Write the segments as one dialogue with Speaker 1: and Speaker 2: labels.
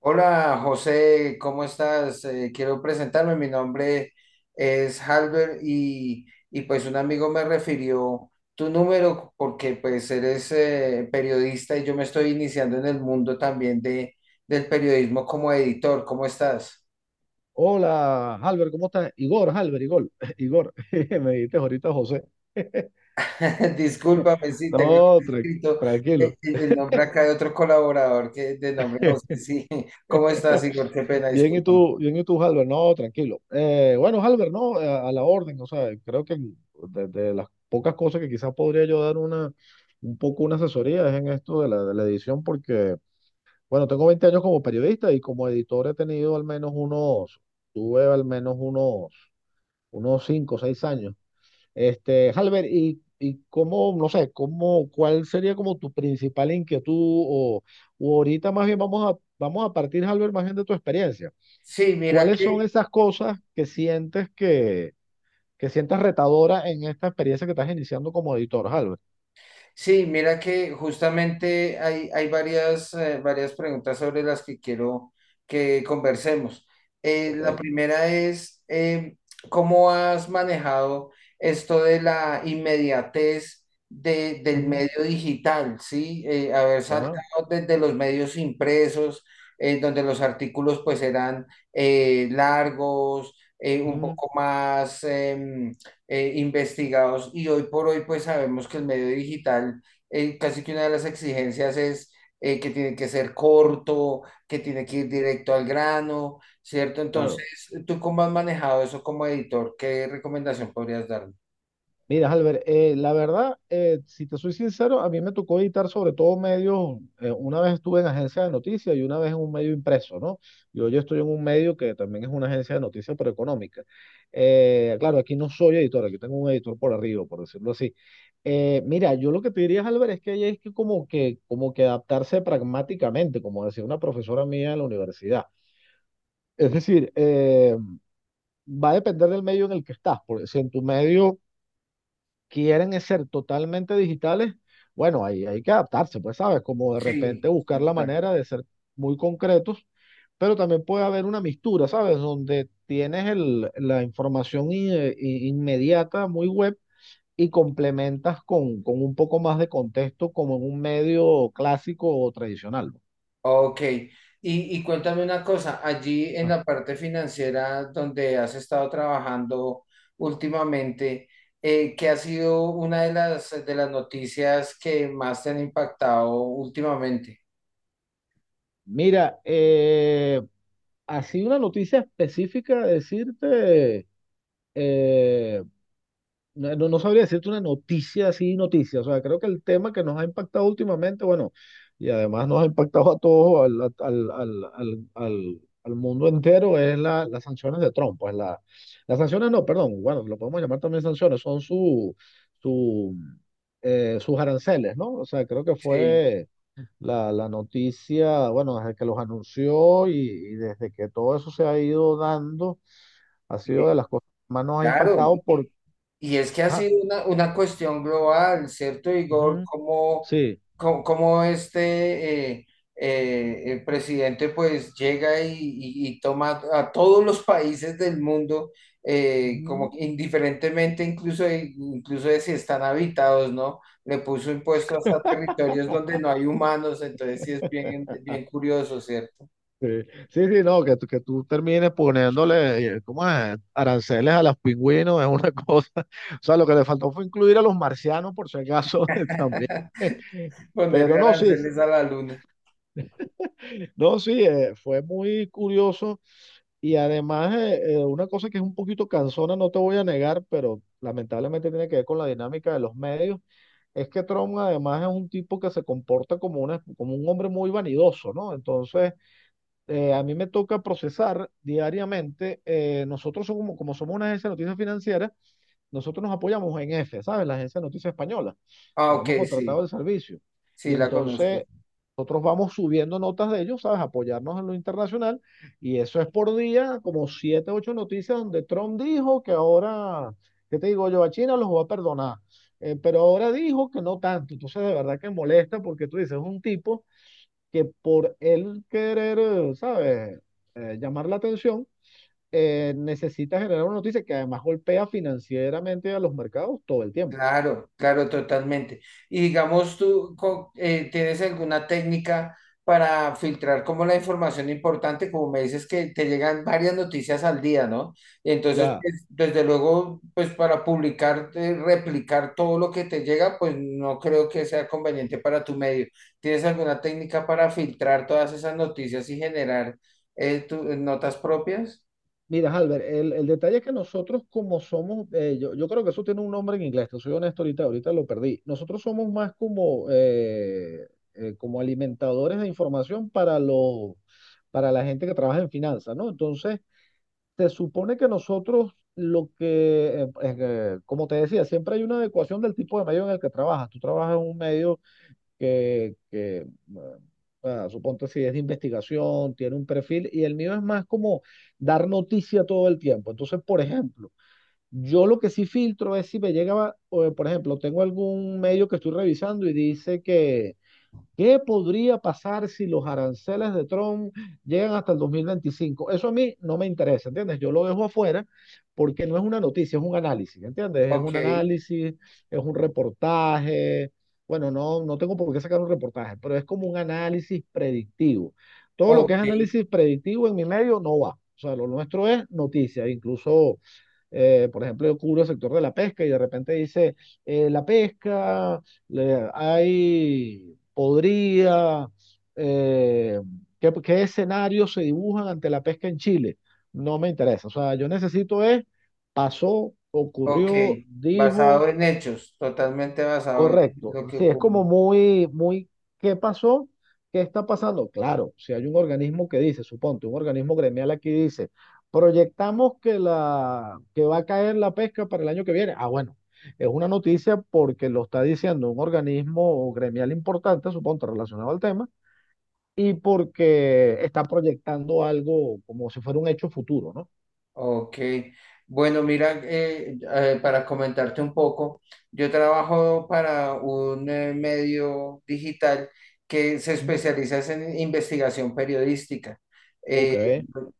Speaker 1: Hola José, ¿cómo estás? Quiero presentarme, mi nombre es Halber y pues un amigo me refirió tu número porque pues eres periodista y yo me estoy iniciando en el mundo también del periodismo como editor, ¿cómo estás?
Speaker 2: Hola, Albert, ¿cómo estás? Igor, Albert, Igor, Igor, me dijiste ahorita José.
Speaker 1: Discúlpame si tengo aquí
Speaker 2: No,
Speaker 1: escrito
Speaker 2: tranquilo.
Speaker 1: el nombre acá de otro colaborador que de nombre José, sí, ¿cómo estás, Igor? Qué pena, discúlpame.
Speaker 2: Bien, y tú, Albert? No, tranquilo. Bueno, Albert, no, a la orden. O sea, creo que de las pocas cosas que quizás podría yo dar un poco una asesoría es en esto de de la edición, porque, bueno, tengo 20 años como periodista y como editor he tenido al menos unos, unos 5, o seis años. Este, Halber, y cómo, no sé, cómo, ¿cuál sería como tu principal inquietud? O o ahorita más bien vamos a partir, Halber, más bien de tu experiencia.
Speaker 1: Sí, mira
Speaker 2: ¿Cuáles son
Speaker 1: que
Speaker 2: esas cosas que que, sientes retadora en esta experiencia que estás iniciando como editor, Halber?
Speaker 1: Sí, mira que justamente hay varias, varias preguntas sobre las que quiero que conversemos. Eh, la
Speaker 2: Ok.
Speaker 1: primera es, eh, ¿cómo has manejado esto de la inmediatez del
Speaker 2: Mm,
Speaker 1: medio digital? ¿Sí? Haber
Speaker 2: ya,
Speaker 1: saltado desde los medios impresos, donde los artículos pues eran largos, un
Speaker 2: mm,
Speaker 1: poco más investigados, y hoy por hoy pues sabemos que el medio digital, casi que una de las exigencias es que tiene que ser corto, que tiene que ir directo al grano, ¿cierto?
Speaker 2: claro.
Speaker 1: Entonces, ¿tú cómo has manejado eso como editor? ¿Qué recomendación podrías darme?
Speaker 2: Mira, Albert, la verdad, si te soy sincero, a mí me tocó editar sobre todo medios. Una vez estuve en agencia de noticias y una vez en un medio impreso, ¿no? Yo estoy en un medio que también es una agencia de noticias, pero económica. Claro, aquí no soy editor, aquí tengo un editor por arriba, por decirlo así. Mira, yo lo que te diría, Albert, es que hay es que como que, como que adaptarse pragmáticamente, como decía una profesora mía en la universidad. Es decir, va a depender del medio en el que estás, porque si en tu medio quieren ser totalmente digitales, bueno, ahí hay que adaptarse, pues, ¿sabes? Como de
Speaker 1: Sí,
Speaker 2: repente buscar
Speaker 1: sí,
Speaker 2: la
Speaker 1: claro.
Speaker 2: manera de ser muy concretos, pero también puede haber una mistura, ¿sabes? Donde tienes la información inmediata, muy web, y complementas con un poco más de contexto como en un medio clásico o tradicional.
Speaker 1: Ok, y, y cuéntame una cosa, allí en
Speaker 2: Ah.
Speaker 1: la parte financiera donde has estado trabajando últimamente, ¿qué ha sido una de de las noticias que más te han impactado últimamente?
Speaker 2: Mira, así una noticia específica, decirte, eh, no sabría decirte una noticia así, noticia. O sea, creo que el tema que nos ha impactado últimamente, bueno, y además nos ha impactado a todos, al mundo entero, es las sanciones de Trump. Pues las sanciones no, perdón, bueno, lo podemos llamar también sanciones, son su, sus aranceles, ¿no? O sea, creo que
Speaker 1: Sí,
Speaker 2: fue la noticia, bueno, desde que los anunció y desde que todo eso se ha ido dando, ha sido
Speaker 1: y-
Speaker 2: de las cosas que más nos ha
Speaker 1: claro.
Speaker 2: impactado por…
Speaker 1: Y es que ha
Speaker 2: Ajá,
Speaker 1: sido una cuestión global, ¿cierto, Igor?
Speaker 2: ujú. Sí.
Speaker 1: ¿Cómo este el presidente pues llega y toma a todos los países del mundo, como
Speaker 2: Ujú.
Speaker 1: que indiferentemente incluso de si están habitados, ¿no? Le puso impuesto hasta territorios donde no hay humanos, entonces sí es bien, bien curioso, ¿cierto?
Speaker 2: Sí, sí, sí, no, que tú termines poniéndole, ¿cómo es? Aranceles a los pingüinos es una cosa. O sea, lo que le faltó fue incluir a los marcianos, por si acaso, también. Pero
Speaker 1: Ponerle
Speaker 2: no, sí,
Speaker 1: aranceles a la luna.
Speaker 2: no, sí, fue muy curioso. Y además, una cosa que es un poquito cansona, no te voy a negar, pero lamentablemente tiene que ver con la dinámica de los medios, es que Trump además es un tipo que se comporta como, como un hombre muy vanidoso, ¿no? Entonces a mí me toca procesar diariamente. Nosotros somos, como, como somos una agencia de noticias financieras, nosotros nos apoyamos en EFE, ¿sabes? La agencia de noticias española.
Speaker 1: Ah, ok,
Speaker 2: Tenemos
Speaker 1: sí,
Speaker 2: contratado el servicio.
Speaker 1: sí
Speaker 2: Y
Speaker 1: la conozco.
Speaker 2: entonces nosotros vamos subiendo notas de ellos, ¿sabes? Apoyarnos en lo internacional. Y eso es por día, como siete, ocho noticias donde Trump dijo que ahora, ¿qué te digo yo? A China los va a perdonar. Pero ahora dijo que no tanto. Entonces, de verdad que molesta porque tú dices, es un tipo que por él querer, ¿sabes?, llamar la atención, necesita generar una noticia que además golpea financieramente a los mercados todo el tiempo, pues.
Speaker 1: Claro, claro, totalmente. Y digamos, ¿tienes alguna técnica para filtrar como la información importante? Como me dices que te llegan varias noticias al día, ¿no? Entonces,
Speaker 2: Ya,
Speaker 1: pues, desde luego, pues para publicar, replicar todo lo que te llega, pues no creo que sea conveniente para tu medio. ¿Tienes alguna técnica para filtrar todas esas noticias y generar notas propias?
Speaker 2: mira, Albert, el detalle es que nosotros como somos, yo creo que eso tiene un nombre en inglés, te soy honesto, ahorita lo perdí. Nosotros somos más como, como alimentadores de información para para la gente que trabaja en finanzas, ¿no? Entonces, se supone que nosotros lo que, como te decía, siempre hay una adecuación del tipo de medio en el que trabajas. Tú trabajas en un medio que, que, eh, suponte si es de investigación, tiene un perfil, y el mío es más como dar noticia todo el tiempo. Entonces, por ejemplo, yo lo que sí filtro es si me llega, por ejemplo, tengo algún medio que estoy revisando y dice que ¿qué podría pasar si los aranceles de Trump llegan hasta el 2025? Eso a mí no me interesa, ¿entiendes? Yo lo dejo afuera porque no es una noticia, es un análisis, ¿entiendes? Es
Speaker 1: Ok,
Speaker 2: un análisis, es un reportaje. Bueno, no, no tengo por qué sacar un reportaje, pero es como un análisis predictivo. Todo lo que es
Speaker 1: ok.
Speaker 2: análisis predictivo en mi medio no va. O sea, lo nuestro es noticia, incluso por ejemplo, yo cubro el sector de la pesca y de repente dice, la pesca, le- hay, podría, eh, ¿qué, qué escenarios se dibujan ante la pesca en Chile? No me interesa, o sea, yo necesito es, pasó,
Speaker 1: Ok,
Speaker 2: ocurrió,
Speaker 1: basado
Speaker 2: dijo.
Speaker 1: en hechos, totalmente basado en
Speaker 2: Correcto.
Speaker 1: lo que
Speaker 2: Sí, es
Speaker 1: ocurre.
Speaker 2: como muy, muy, ¿qué pasó? ¿Qué está pasando? Claro, si hay un organismo que dice, suponte, un organismo gremial aquí dice, proyectamos que que va a caer la pesca para el año que viene. Ah, bueno, es una noticia porque lo está diciendo un organismo gremial importante, suponte, relacionado al tema, y porque está proyectando algo como si fuera un hecho futuro, ¿no?
Speaker 1: Ok, bueno, mira, para comentarte un poco, yo trabajo para un medio digital que se
Speaker 2: Ujú.
Speaker 1: especializa es en investigación periodística.
Speaker 2: Ok.
Speaker 1: Eh,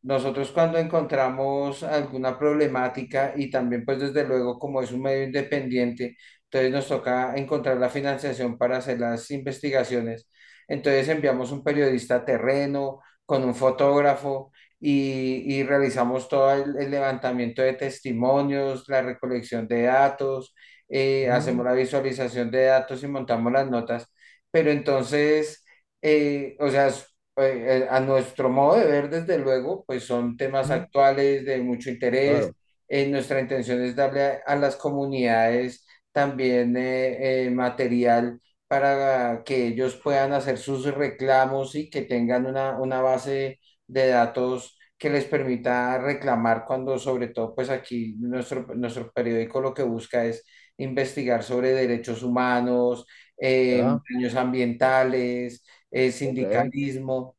Speaker 1: nosotros cuando encontramos alguna problemática, y también pues desde luego como es un medio independiente, entonces nos toca encontrar la financiación para hacer las investigaciones. Entonces enviamos un periodista a terreno con un fotógrafo y realizamos todo el levantamiento de testimonios, la recolección de datos,
Speaker 2: Ujú.
Speaker 1: hacemos la visualización de datos y montamos las notas. Pero entonces, o sea, a nuestro modo de ver, desde luego, pues son temas
Speaker 2: Ujú.
Speaker 1: actuales de mucho interés.
Speaker 2: Claro,
Speaker 1: Nuestra intención es darle a las comunidades también material para que ellos puedan hacer sus reclamos y que tengan una base de datos que les permita reclamar, cuando sobre todo pues aquí nuestro, nuestro periódico lo que busca es investigar sobre derechos humanos,
Speaker 2: ya,
Speaker 1: daños ambientales,
Speaker 2: ok.
Speaker 1: sindicalismo.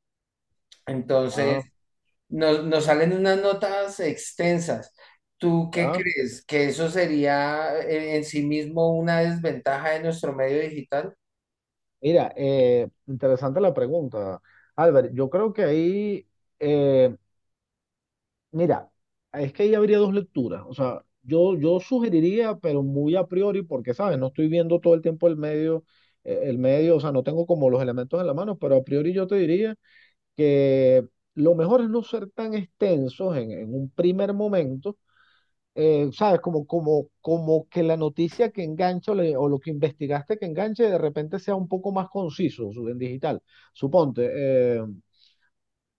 Speaker 1: Entonces,
Speaker 2: Ah,
Speaker 1: nos salen unas notas extensas. ¿Tú qué
Speaker 2: ya.
Speaker 1: crees? ¿Que eso sería en sí mismo una desventaja de nuestro medio digital?
Speaker 2: Mira, interesante la pregunta, Albert. Yo creo que ahí, eh, mira, es que ahí habría dos lecturas. O sea, yo sugeriría, pero muy a priori, porque, ¿sabes? No estoy viendo todo el tiempo el medio, o sea, no tengo como los elementos en la mano, pero a priori yo te diría que lo mejor es no ser tan extensos en un primer momento, ¿sabes? Como que la noticia que engancho o lo que investigaste que enganche de repente sea un poco más conciso en digital. Suponte, eh,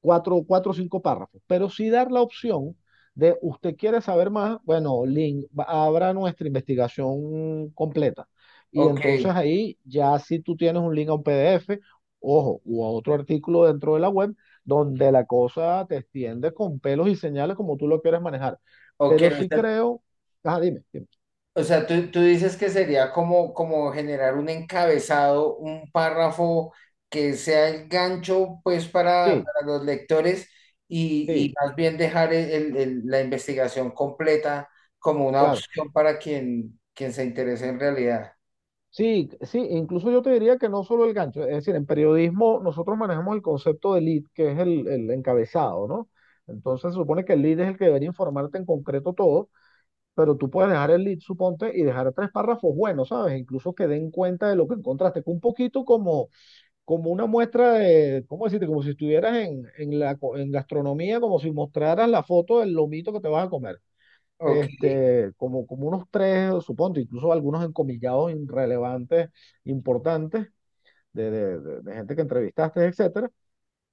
Speaker 2: cuatro o cinco párrafos, pero sí dar la opción de usted quiere saber más, bueno, link, abra nuestra investigación completa. Y
Speaker 1: Ok,
Speaker 2: entonces ahí ya si tú tienes un link a un PDF, ojo, u a otro artículo dentro de la web, donde la cosa te extiende con pelos y señales como tú lo quieres manejar.
Speaker 1: ok,
Speaker 2: Pero
Speaker 1: o
Speaker 2: sí
Speaker 1: sea,
Speaker 2: creo, ajá, dime, dime.
Speaker 1: O sea, tú dices que sería como, como generar un encabezado, un párrafo que sea el gancho, pues,
Speaker 2: Sí,
Speaker 1: para los lectores, y
Speaker 2: sí,
Speaker 1: más bien dejar la investigación completa como una
Speaker 2: claro.
Speaker 1: opción para quien, quien se interese en realidad.
Speaker 2: Sí, sí, incluso yo te diría que no solo el gancho, es decir, en periodismo nosotros manejamos el concepto de lead, que es el encabezado, ¿no? Entonces se supone que el lead es el que debería informarte en concreto todo, pero tú puedes dejar el lead, suponte, y dejar tres párrafos buenos, ¿sabes? Incluso que den cuenta de lo que encontraste, que un poquito como, como una muestra de, ¿cómo decirte? Como si estuvieras en gastronomía, como si mostraras la foto del lomito que te vas a comer.
Speaker 1: Ok.
Speaker 2: Este, como, como unos tres, supongo, incluso algunos encomillados irrelevantes, importantes, de gente que entrevistaste, etcétera.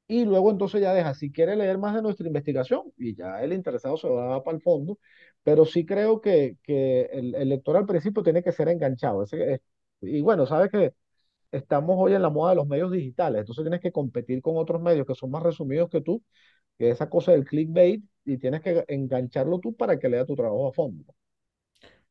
Speaker 2: Y luego entonces ya deja, si quiere leer más de nuestra investigación, y ya el interesado se va para el fondo, pero sí creo que el lector al principio tiene que ser enganchado. Ese es… y bueno, sabes que estamos hoy en la moda de los medios digitales, entonces tienes que competir con otros medios que son más resumidos que tú, que esa cosa del clickbait, y tienes que engancharlo tú para que lea tu trabajo a fondo.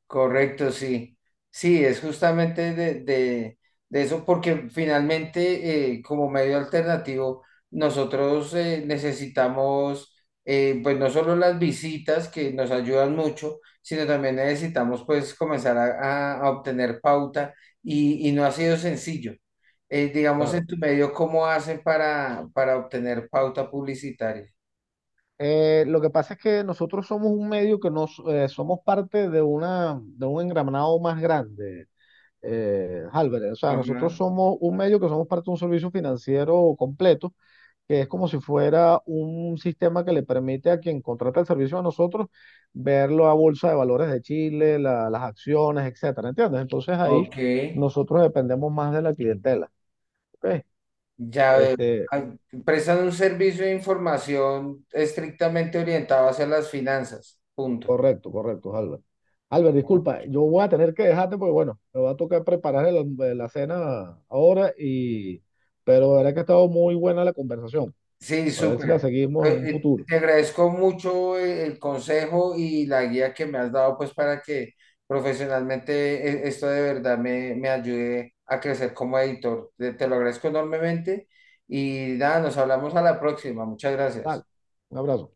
Speaker 1: Correcto, sí. Sí, es justamente de eso, porque finalmente como medio alternativo, nosotros necesitamos pues no solo las visitas que nos ayudan mucho, sino también necesitamos pues comenzar a obtener pauta, y no ha sido sencillo. Digamos en
Speaker 2: Claro.
Speaker 1: tu medio, ¿cómo hacen para obtener pauta publicitaria?
Speaker 2: Lo que pasa es que nosotros somos un medio que nos somos parte de una de un engranado más grande, Álvarez. O sea, nosotros
Speaker 1: Ajá.
Speaker 2: somos un medio que somos parte de un servicio financiero completo, que es como si fuera un sistema que le permite a quien contrata el servicio a nosotros ver la bolsa de valores de Chile, las acciones, etcétera, ¿entiendes? Entonces ahí
Speaker 1: Ok.
Speaker 2: nosotros dependemos más de la clientela, ¿ok?
Speaker 1: Ya veo.
Speaker 2: Este,
Speaker 1: Ah, prestan un servicio de información estrictamente orientado hacia las finanzas. Punto.
Speaker 2: correcto, correcto, Albert. Albert, disculpa, yo voy a tener que dejarte porque, bueno, me va a tocar preparar la cena ahora, y pero la verdad que ha estado muy buena la conversación.
Speaker 1: Sí,
Speaker 2: A ver si la
Speaker 1: súper.
Speaker 2: seguimos en un futuro.
Speaker 1: Te agradezco mucho el consejo y la guía que me has dado, pues para que profesionalmente esto de verdad me ayude a crecer como editor. Te te lo agradezco enormemente y nada, nos hablamos a la próxima. Muchas
Speaker 2: Dale,
Speaker 1: gracias.
Speaker 2: un abrazo.